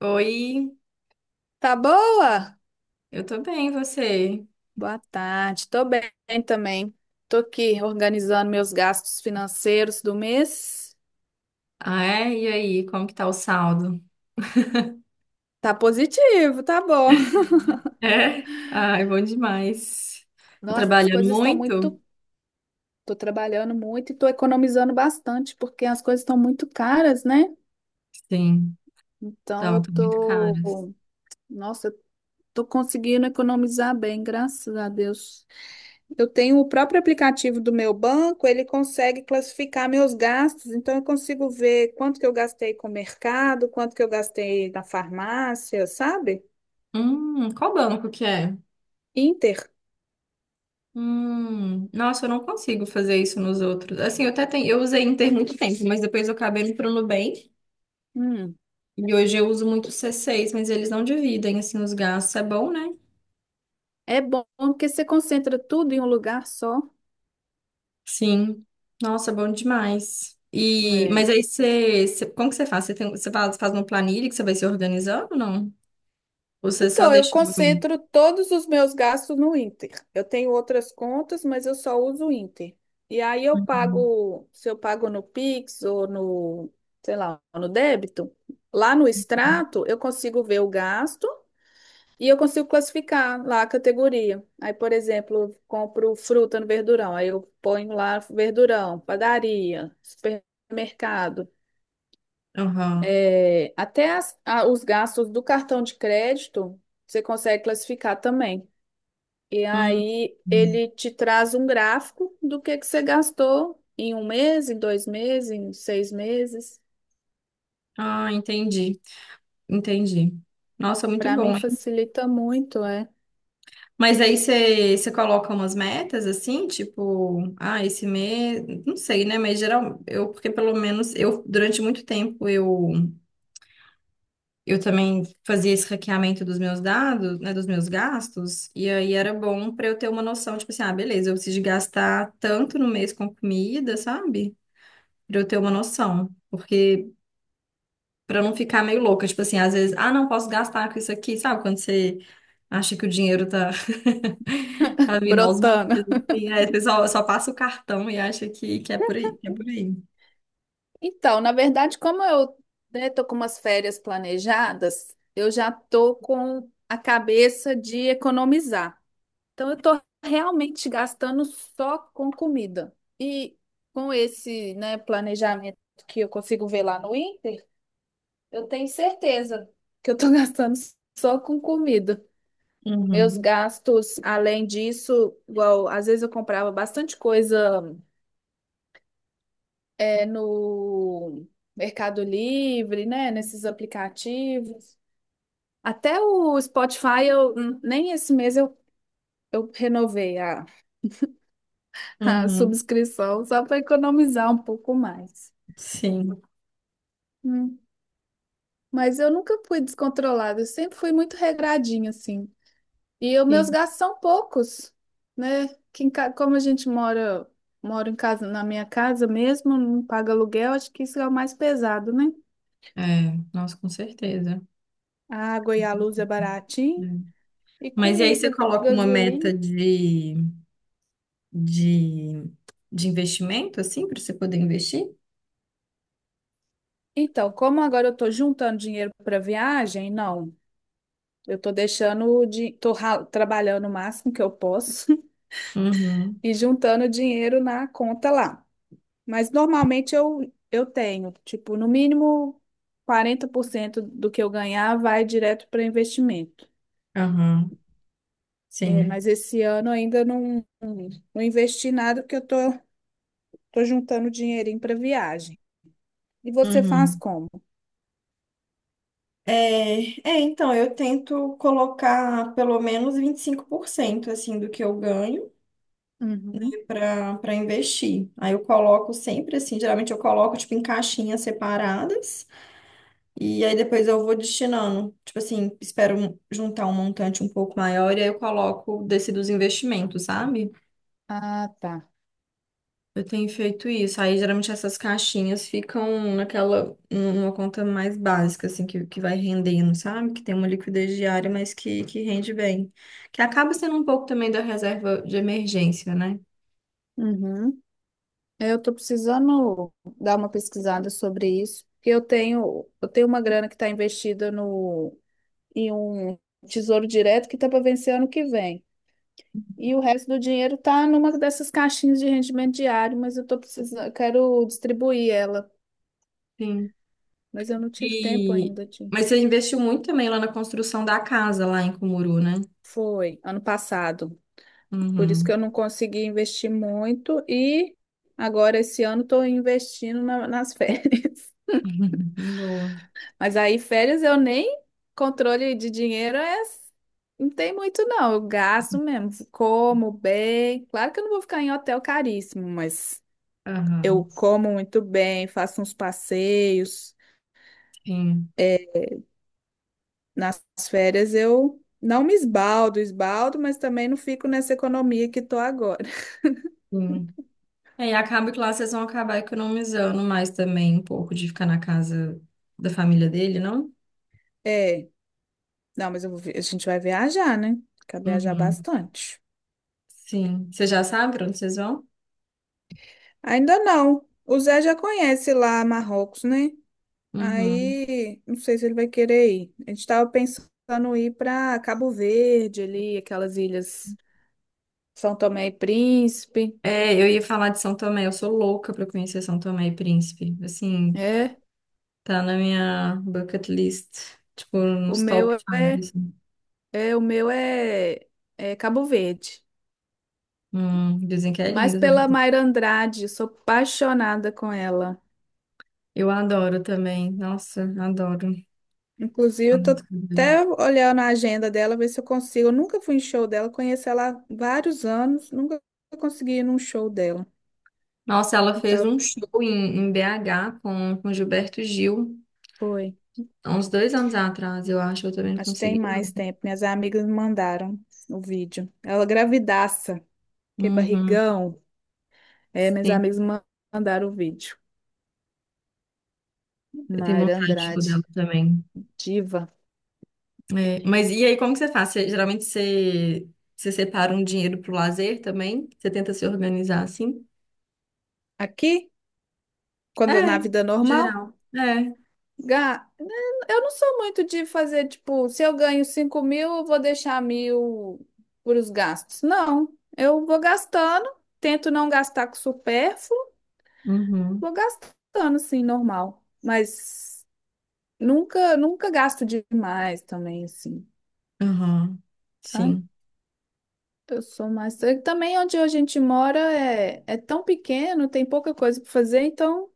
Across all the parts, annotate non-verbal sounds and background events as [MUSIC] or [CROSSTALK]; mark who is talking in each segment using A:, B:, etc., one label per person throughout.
A: Oi,
B: Tá boa?
A: eu tô bem, e você?
B: Boa tarde. Tô bem também. Tô aqui organizando meus gastos financeiros do mês.
A: Ah, é? E aí, como que tá o saldo?
B: Tá positivo, tá bom.
A: É? Ai, bom demais. Tá
B: Nossa, as
A: trabalhando
B: coisas estão
A: muito?
B: muito. Tô trabalhando muito e tô economizando bastante, porque as coisas estão muito caras, né?
A: Sim,
B: Então
A: então,
B: eu
A: estão muito caras.
B: tô. Nossa, eu tô conseguindo economizar bem, graças a Deus. Eu tenho o próprio aplicativo do meu banco, ele consegue classificar meus gastos, então eu consigo ver quanto que eu gastei com o mercado, quanto que eu gastei na farmácia, sabe?
A: Qual banco que é?
B: Inter.
A: Nossa, eu não consigo fazer isso nos outros. Assim, eu até tenho, eu usei Inter muito tempo, mas depois eu acabei indo pro Nubank.
B: Hum,
A: E hoje eu uso muito o C6, mas eles não dividem, assim, os gastos. É bom, né?
B: é bom porque você concentra tudo em um lugar só.
A: Sim. Nossa, bom demais. E,
B: É.
A: mas aí como que você faz? Você tem, você faz uma planilha que você vai se organizando ou não? Ou você só
B: Então, eu
A: deixa lá mesmo?
B: concentro todos os meus gastos no Inter. Eu tenho outras contas, mas eu só uso o Inter. E aí eu pago, se eu pago no Pix ou no, sei lá, no débito, lá no extrato eu consigo ver o gasto e eu consigo classificar lá a categoria. Aí, por exemplo, eu compro fruta no verdurão, aí eu ponho lá verdurão, padaria, supermercado.
A: Aham.
B: É, até as- a- os gastos do cartão de crédito você consegue classificar também. E
A: Hum.
B: aí ele te traz um gráfico do que você gastou em um mês, em dois meses, em seis meses.
A: Ah, entendi. Entendi. Nossa, muito
B: Para mim
A: bom, hein?
B: facilita muito, é.
A: Mas aí você, você coloca umas metas assim, tipo, ah, esse mês, não sei, né? Mas geral, eu, porque pelo menos eu, durante muito tempo, eu também fazia esse hackeamento dos meus dados, né, dos meus gastos, e aí era bom para eu ter uma noção, tipo assim, ah, beleza, eu preciso de gastar tanto no mês com comida, sabe? Para eu ter uma noção, porque para não ficar meio louca, tipo assim, às vezes, ah, não posso gastar com isso aqui, sabe? Quando você acha que o dinheiro tá [LAUGHS] tá
B: [LAUGHS]
A: vindo aos montes,
B: Brotando.
A: assim, aí você só passa o cartão e acha que é por aí, que é por aí.
B: Então, na verdade, como eu, né, tô com umas férias planejadas, eu já tô com a cabeça de economizar. Então, eu estou realmente gastando só com comida. E com esse, né, planejamento que eu consigo ver lá no Inter, eu tenho certeza que eu estou [LAUGHS] gastando só com comida. Meus
A: Uhum,
B: gastos, além disso, igual, às vezes eu comprava bastante coisa, é, no Mercado Livre, né, nesses aplicativos. Até o Spotify, eu, nem esse mês eu renovei a
A: uhum,
B: subscrição só para economizar um pouco mais.
A: sim,
B: Hum. Mas eu nunca fui descontrolada, eu sempre fui muito regradinha, assim. E os meus
A: sim.
B: gastos são poucos, né? Que em ca- como a gente mora, mora em casa, na minha casa mesmo, não paga aluguel, acho que isso é o mais pesado, né?
A: É, nossa, com certeza.
B: A água e a luz é baratinho,
A: Hum.
B: e
A: Mas e aí você
B: comida,
A: coloca uma meta
B: gasolina.
A: de, de investimento, assim, para você poder investir?
B: Então, como agora eu tô juntando dinheiro para viagem, não. Eu tô deixando de, tô ra- trabalhando o máximo que eu posso
A: Uhum,
B: e juntando dinheiro na conta lá. Mas normalmente eu tenho, tipo, no mínimo 40% do que eu ganhar vai direto para investimento.
A: aham,
B: É,
A: sim.
B: mas esse ano ainda não, não investi nada porque eu tô, tô juntando dinheirinho para viagem. E você faz
A: Uhum.
B: como?
A: É, é, então, eu tento colocar pelo menos 25% assim do que eu ganho
B: Uhum.
A: para investir. Aí eu coloco sempre assim, geralmente eu coloco tipo em caixinhas separadas e aí depois eu vou destinando. Tipo assim, juntar um montante um pouco maior e aí eu coloco desse dos investimentos, sabe?
B: Ah, tá.
A: Eu tenho feito isso. Aí geralmente essas caixinhas ficam naquela, numa conta mais básica, assim, que vai rendendo, sabe? Que tem uma liquidez diária, mas que rende bem. Que acaba sendo um pouco também da reserva de emergência, né?
B: Uhum. Eu tô precisando dar uma pesquisada sobre isso, porque eu tenho uma grana que está investida no e um tesouro direto que está para vencer ano que vem. E o resto do dinheiro está numa dessas caixinhas de rendimento diário, mas eu tô precisando, eu quero distribuir ela,
A: Sim.
B: mas eu não tive tempo
A: E...
B: ainda de.
A: Mas você investiu muito também lá na construção da casa, lá em Cumuru, né?
B: Foi ano passado, por isso que
A: Uhum.
B: eu não consegui investir muito e agora esse ano estou investindo na- nas férias.
A: [LAUGHS] Boa.
B: [LAUGHS] Mas aí férias eu nem controle de dinheiro é não tem muito, não. Eu gasto mesmo. Como bem. Claro que eu não vou ficar em hotel caríssimo, mas eu
A: Aham.
B: como muito bem, faço uns passeios.
A: Sim.
B: Nas férias eu não me esbaldo, esbaldo, mas também não fico nessa economia que tô agora. [LAUGHS]
A: Sim. É, e acaba que lá vocês vão acabar economizando mais também um pouco de ficar na casa da família dele, não?
B: É, não, mas eu vou vi- a gente vai viajar, né? Quer viajar
A: Uhum.
B: bastante.
A: Sim. Você já sabe pra onde vocês vão?
B: Ainda não. O Zé já conhece lá Marrocos, né?
A: Uhum.
B: Aí, não sei se ele vai querer ir. A gente tava pensando em ir para Cabo Verde ali, aquelas ilhas São Tomé e Príncipe.
A: É, eu ia falar de São Tomé. Eu sou louca pra conhecer São Tomé e Príncipe. Assim,
B: É,
A: tá na minha bucket list. Tipo,
B: o
A: nos
B: meu
A: top 5,
B: é
A: assim.
B: É, o meu é, é Cabo Verde.
A: Dizem que é
B: Mas
A: lindo também.
B: pela Mayra Andrade, sou apaixonada com ela.
A: Eu adoro também. Nossa, adoro.
B: Inclusive,
A: A
B: eu tô
A: música dela.
B: até olhando a agenda dela, ver se eu consigo. Eu nunca fui em show dela, conheço ela há vários anos, nunca consegui ir num show dela.
A: Nossa, ela fez
B: Então,
A: um show em, em BH com Gilberto Gil,
B: foi.
A: há uns 2 anos atrás, eu acho. Eu também não
B: Acho que tem
A: consegui, não.
B: mais tempo. Minhas amigas me mandaram o vídeo. Ela gravidaça, que
A: Uhum,
B: barrigão. É, minhas
A: sim,
B: amigas me mandaram o vídeo.
A: eu tenho
B: Mayra
A: vontade de show dela
B: Andrade,
A: também.
B: diva.
A: É, mas e aí, como que você faz? Geralmente você, você separa um dinheiro pro lazer também? Você tenta se organizar assim?
B: Aqui,
A: É,
B: quando na vida normal.
A: geral. É.
B: Ga- Eu não sou muito de fazer, tipo, se eu ganho 5 mil, eu vou deixar mil para os gastos. Não, eu vou gastando, tento não gastar com supérfluo,
A: Uhum.
B: vou gastando, assim, normal. Mas nunca gasto demais também, assim,
A: Uhum.
B: sabe?
A: Sim.
B: Eu sou mais. E também onde a gente mora é tão pequeno, tem pouca coisa para fazer, então não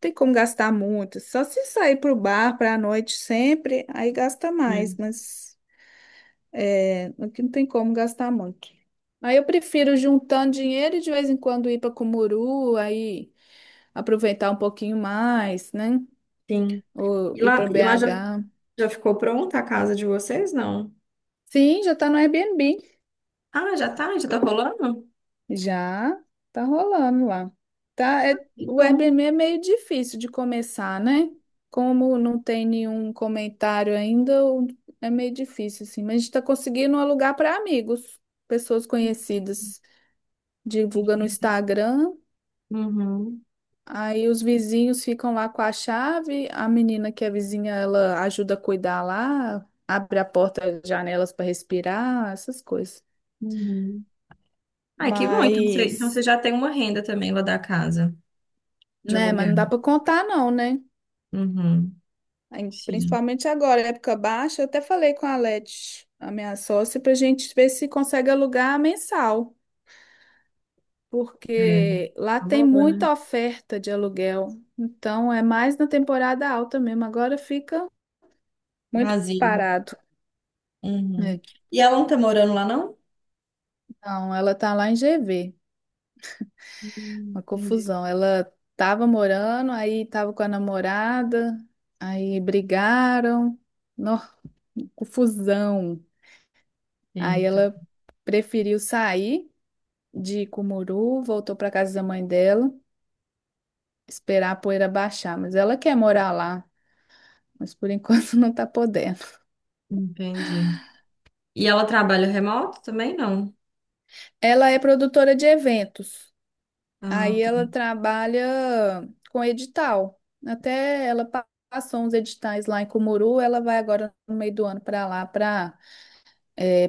B: tem como gastar muito. Só se sair para o bar para a noite sempre, aí gasta mais,
A: É.
B: mas. É, aqui não tem como gastar muito. Aí eu prefiro juntando dinheiro e de vez em quando ir para Cumuru, aí aproveitar um pouquinho mais, né?
A: Sim.
B: Ou
A: E
B: ir
A: lá,
B: para BH.
A: já ficou pronta a casa de vocês? Não.
B: Sim, já tá no Airbnb.
A: Ah, já tá? Já tá rolando?
B: Já tá rolando lá. Tá,
A: Que
B: o
A: bom.
B: Airbnb é meio difícil de começar, né? Como não tem nenhum comentário ainda, é meio difícil, assim. Mas a gente tá conseguindo alugar para amigos, pessoas conhecidas. Divulga no Instagram.
A: Uhum.
B: Aí os vizinhos ficam lá com a chave, a menina que é vizinha, ela ajuda a cuidar lá, abre a porta, janelas para respirar, essas coisas.
A: Uhum. Ai, que bom. Então você
B: Mas,
A: já tem uma renda também lá da casa de
B: né, mas não
A: aluguel.
B: dá para contar não, né?
A: Uhum.
B: Aí,
A: Sim.
B: principalmente agora, época baixa, eu até falei com a Leti, a minha sócia, para a gente ver se consegue alugar mensal,
A: É.
B: porque lá
A: Tá
B: tem
A: boa, né?
B: muita oferta de aluguel. Então é mais na temporada alta mesmo, agora fica muito
A: Vazio.
B: parado.
A: Uhum. E ela não tá morando lá, não?
B: Não, ela tá lá em GV, uma
A: Entendi.
B: confusão. Ela tava morando, aí tava com a namorada, aí brigaram, nó, confusão. Aí
A: Eita,
B: ela preferiu sair de Cumuru, voltou pra casa da mãe dela, esperar a poeira baixar, mas ela quer morar lá, mas por enquanto [LAUGHS] não tá podendo.
A: entendi. E ela trabalha remoto também, não?
B: Ela é produtora de eventos.
A: Ah,
B: Aí
A: tá.
B: ela trabalha com edital. Até ela passou uns editais lá em Cumuru, ela vai agora no meio do ano para lá para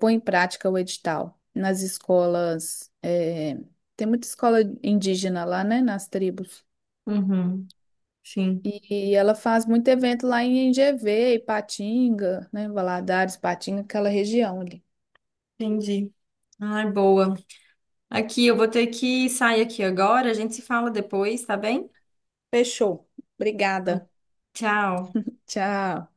B: pôr em prática o edital nas escolas. É, tem muita escola indígena lá, né? Nas tribos.
A: Uhum, sim,
B: E ela faz muito evento lá em NGV, Ipatinga, né? Valadares, Ipatinga, aquela região ali.
A: entendi. Ai, boa. Aqui, eu vou ter que sair aqui agora. A gente se fala depois, tá bem?
B: Fechou. Obrigada.
A: Tchau.
B: Tchau.